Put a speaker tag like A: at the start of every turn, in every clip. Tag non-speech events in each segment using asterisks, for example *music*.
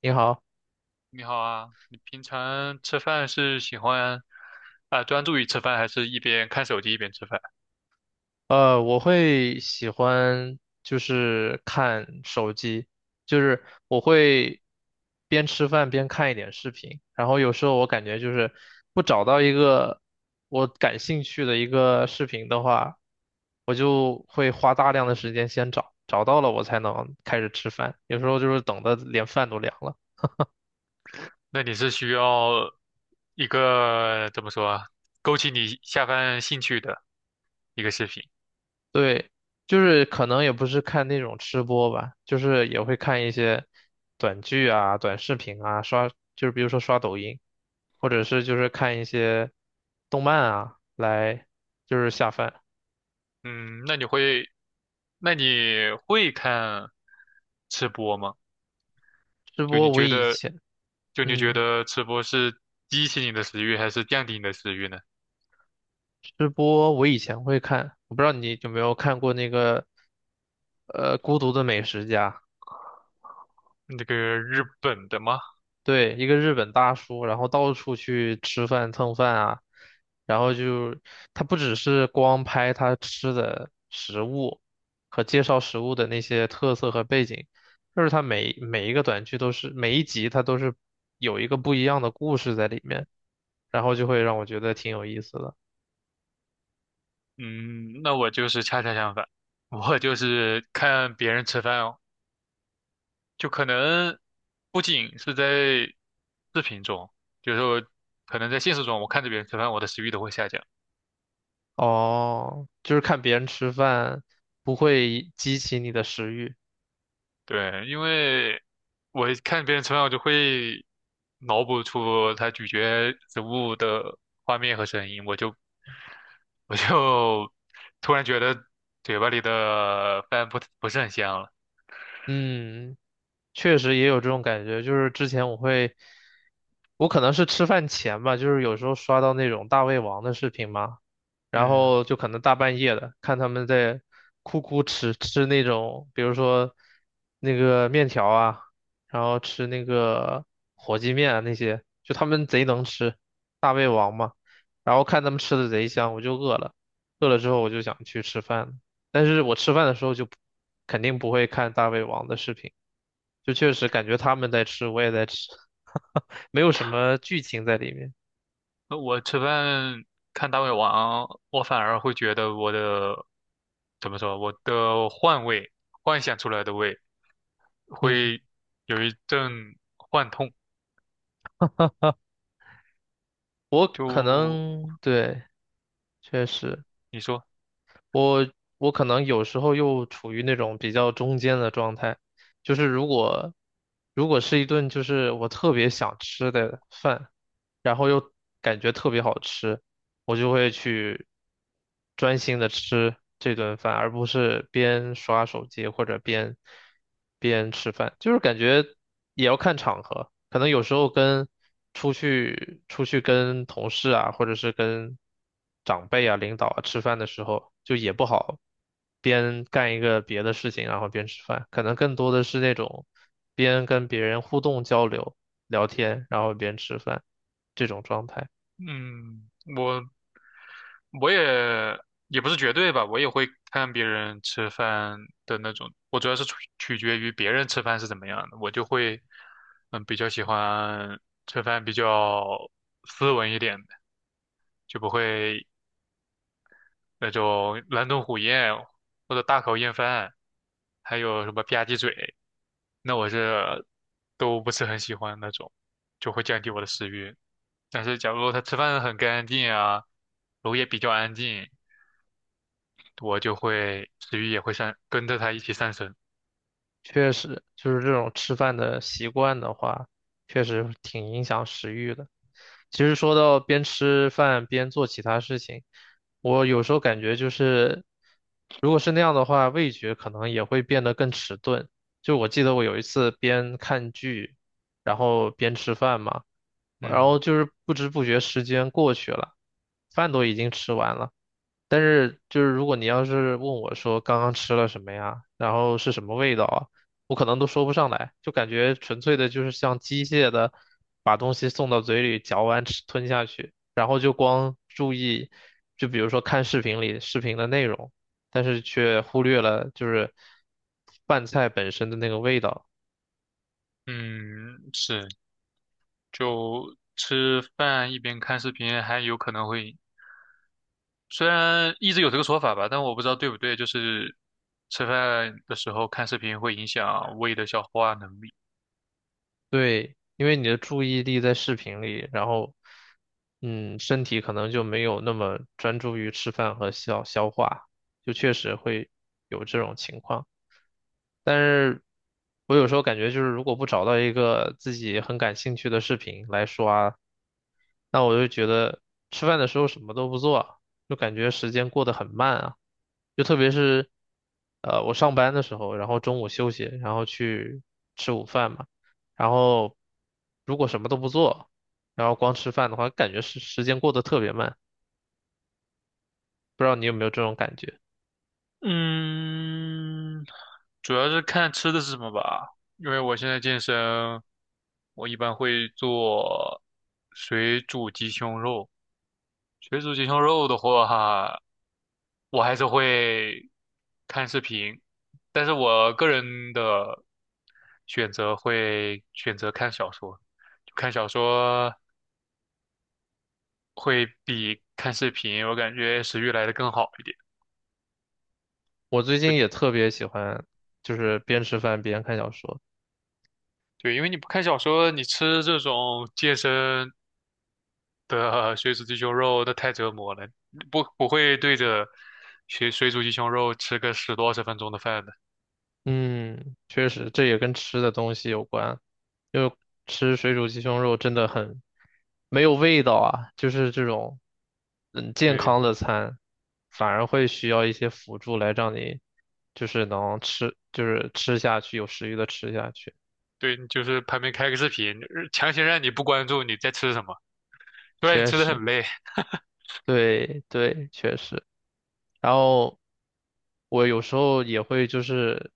A: 你好，
B: 你好啊，你平常吃饭是喜欢专注于吃饭，还是一边看手机一边吃饭？
A: 我会喜欢就是看手机，就是我会边吃饭边看一点视频。然后有时候我感觉就是不找到一个我感兴趣的一个视频的话，我就会花大量的时间先找，找到了我才能开始吃饭，有时候就是等的连饭都凉了。
B: 那你是需要一个怎么说啊，勾起你下饭兴趣的一个视频。
A: 对，就是可能也不是看那种吃播吧，就是也会看一些短剧啊、短视频啊，刷，就是比如说刷抖音，或者是就是看一些动漫啊，来就是下饭。
B: 嗯，那你会看吃播吗？
A: 吃
B: 就你
A: 播我
B: 觉
A: 以
B: 得，
A: 前，
B: 就你觉
A: 嗯，
B: 得吃播是激起你的食欲，还是降低你的食欲呢？
A: 吃播我以前会看，我不知道你有没有看过那个，《孤独的美食家》。
B: 那个日本的吗？
A: 对，一个日本大叔，然后到处去吃饭蹭饭啊，然后就他不只是光拍他吃的食物和介绍食物的那些特色和背景，就是他每每一个短剧都是每一集他都是有一个不一样的故事在里面，然后就会让我觉得挺有意思的。
B: 嗯，那我就是恰恰相反。我就是看别人吃饭，哦。就可能不仅是在视频中，就是说可能在现实中，我看着别人吃饭，我的食欲都会下降。
A: 哦，就是看别人吃饭不会激起你的食欲，
B: 对，因为我看别人吃饭，我就会脑补出他咀嚼食物的画面和声音，我就 *laughs* 突然觉得嘴巴里的饭不是很香了。
A: 嗯。确实也有这种感觉，就是之前我会，我可能是吃饭前吧，就是有时候刷到那种大胃王的视频嘛，然
B: 嗯，
A: 后就可能大半夜的看他们在哭哭吃吃那种，比如说那个面条啊，然后吃那个火鸡面啊那些，就他们贼能吃，大胃王嘛，然后看他们吃的贼香，我就饿了，饿了之后我就想去吃饭了，但是我吃饭的时候就不，肯定不会看大胃王的视频。就确实感觉他们在吃，我也在吃，*laughs* 没有什么剧情在里面。
B: 那我吃饭看大胃王，我反而会觉得我的怎么说，我的幻味幻想出来的味。
A: 嗯，
B: 会有一阵幻痛。
A: 我可能，
B: 就
A: 对，确实，
B: 你说。
A: 我我可能有时候又处于那种比较中间的状态，就是如果是一顿就是我特别想吃的饭，然后又感觉特别好吃，我就会去专心的吃这顿饭，而不是边刷手机或者边吃饭。就是感觉也要看场合，可能有时候跟出去跟同事啊，或者是跟长辈啊、领导啊吃饭的时候，就也不好边干一个别的事情，然后边吃饭，可能更多的是那种边跟别人互动交流、聊天，然后边吃饭这种状态。
B: 嗯，我我也不是绝对吧，我也会看别人吃饭的那种。我主要是取决于别人吃饭是怎么样的，我就会嗯比较喜欢吃饭比较斯文一点的，就不会那种狼吞虎咽或者大口咽饭，还有什么吧唧嘴，那我是都不是很喜欢那种，就会降低我的食欲。但是假如他吃饭很干净啊，楼也比较安静，我就会食欲也会上，跟着他一起上升。
A: 确实，就是这种吃饭的习惯的话，确实挺影响食欲的。其实说到边吃饭边做其他事情，我有时候感觉就是，如果是那样的话，味觉可能也会变得更迟钝。就我记得我有一次边看剧，然后边吃饭嘛，然
B: 嗯
A: 后就是不知不觉时间过去了，饭都已经吃完了。但是就是如果你要是问我说刚刚吃了什么呀，然后是什么味道啊，我可能都说不上来，就感觉纯粹的就是像机械的把东西送到嘴里嚼完吃吞下去，就光注意，就比如说看视频里视频的内容，但是却忽略了就是饭菜本身的那个味道。
B: 嗯，是，就吃饭一边看视频，还有可能会，虽然一直有这个说法吧，但我不知道对不对，就是吃饭的时候看视频会影响胃的消化能力。
A: 对，因为你的注意力在视频里，然后，嗯，身体可能就没有那么专注于吃饭和消化，就确实会有这种情况。但是我有时候感觉就是如果不找到一个自己很感兴趣的视频来刷，那我就觉得吃饭的时候什么都不做，就感觉时间过得很慢啊。就特别是，我上班的时候，然后中午休息，然后去吃午饭嘛，然后如果什么都不做，然后光吃饭的话，感觉时间过得特别慢。不知道你有没有这种感觉？
B: 嗯，主要是看吃的是什么吧，因为我现在健身，我一般会做水煮鸡胸肉。水煮鸡胸肉的话，我还是会看视频，但是我个人的选择会选择看小说，就看小说会比看视频，我感觉食欲来的更好一点。
A: 我最近
B: 对
A: 也特别喜欢，就是边吃饭边看小说。
B: 对，因为你不看小说，你吃这种健身。的水煮鸡胸肉那太折磨了，不会对着水煮鸡胸肉吃个10多20分钟的饭的。
A: 嗯，确实，这也跟吃的东西有关，因为吃水煮鸡胸肉真的很没有味道啊，就是这种嗯健
B: 对
A: 康的餐，反而会需要一些辅助来让你就是能吃，就是吃下去，有食欲的吃下去。
B: 对，你就是旁边开个视频，强行让你不关注你在吃什么，不然你
A: 确
B: 吃的
A: 实，
B: 很累。
A: 对对，确实。然后我有时候也会就是，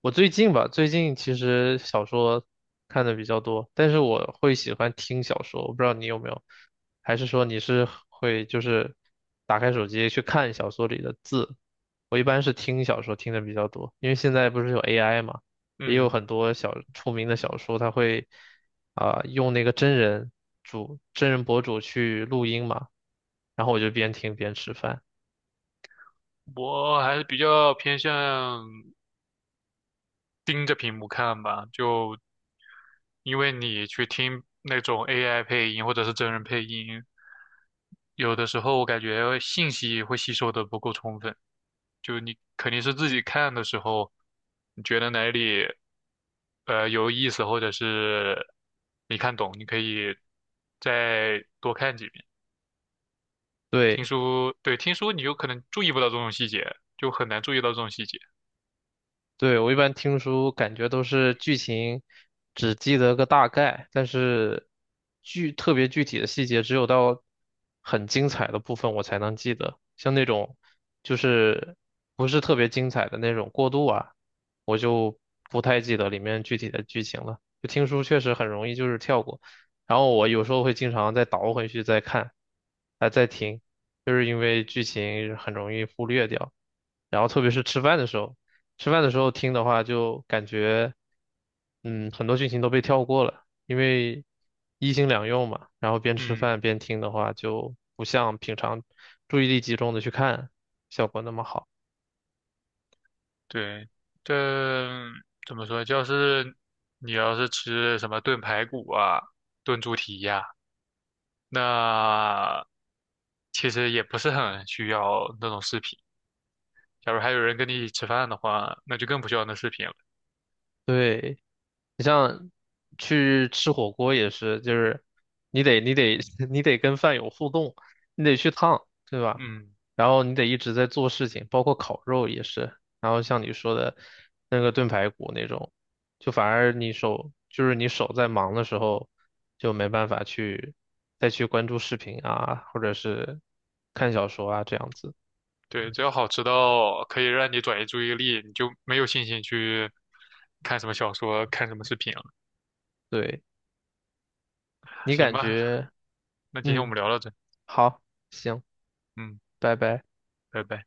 A: 我最近吧，最近其实小说看的比较多，但是我会喜欢听小说，我不知道你有没有，还是说你是会就是打开手机去看小说里的字？我一般是听小说听的比较多，因为现在不是有 AI 嘛，也有
B: 嗯，
A: 很多小出名的小说，它会啊、用那个真人博主去录音嘛，然后我就边听边吃饭。
B: 我还是比较偏向盯着屏幕看吧，就因为你去听那种 AI 配音或者是真人配音，有的时候我感觉信息会吸收的不够充分，就你肯定是自己看的时候，你觉得哪里。有意思，或者是没看懂，你可以再多看几遍。听
A: 对，
B: 书，对，听书你有可能注意不到这种细节，就很难注意到这种细节。
A: 对，我一般听书感觉都是剧情只记得个大概，但是特别具体的细节只有到很精彩的部分我才能记得。像那种就是不是特别精彩的那种过渡啊，我就不太记得里面具体的剧情了。就听书确实很容易就是跳过，然后我有时候会经常再倒回去再看，啊、再听，就是因为剧情很容易忽略掉。然后特别是吃饭的时候。吃饭的时候听的话，就感觉，嗯，很多剧情都被跳过了，因为一心两用嘛。然后边吃
B: 嗯，
A: 饭边听的话，就不像平常注意力集中的去看，效果那么好。
B: 对，这怎么说？就是你要是吃什么炖排骨啊、炖猪蹄呀、那其实也不是很需要那种视频。假如还有人跟你一起吃饭的话，那就更不需要那视频了。
A: 对。你像去吃火锅也是，就是你得 *laughs* 你得跟饭友互动，你得去烫，对吧？
B: 嗯。
A: 然后你得一直在做事情，包括烤肉也是。然后像你说的那个炖排骨那种，就反而你手在忙的时候，就没办法去再去关注视频啊，或者是看小说啊这样子。
B: 对，只要好吃到可以让你转移注意力，你就没有信心去看什么小说、看什么视频了。
A: 对，你
B: 行
A: 感
B: 吧，
A: 觉，
B: 那今天我
A: 嗯，
B: 们聊到这，
A: 好，行，
B: 嗯，
A: 拜拜。
B: 拜拜。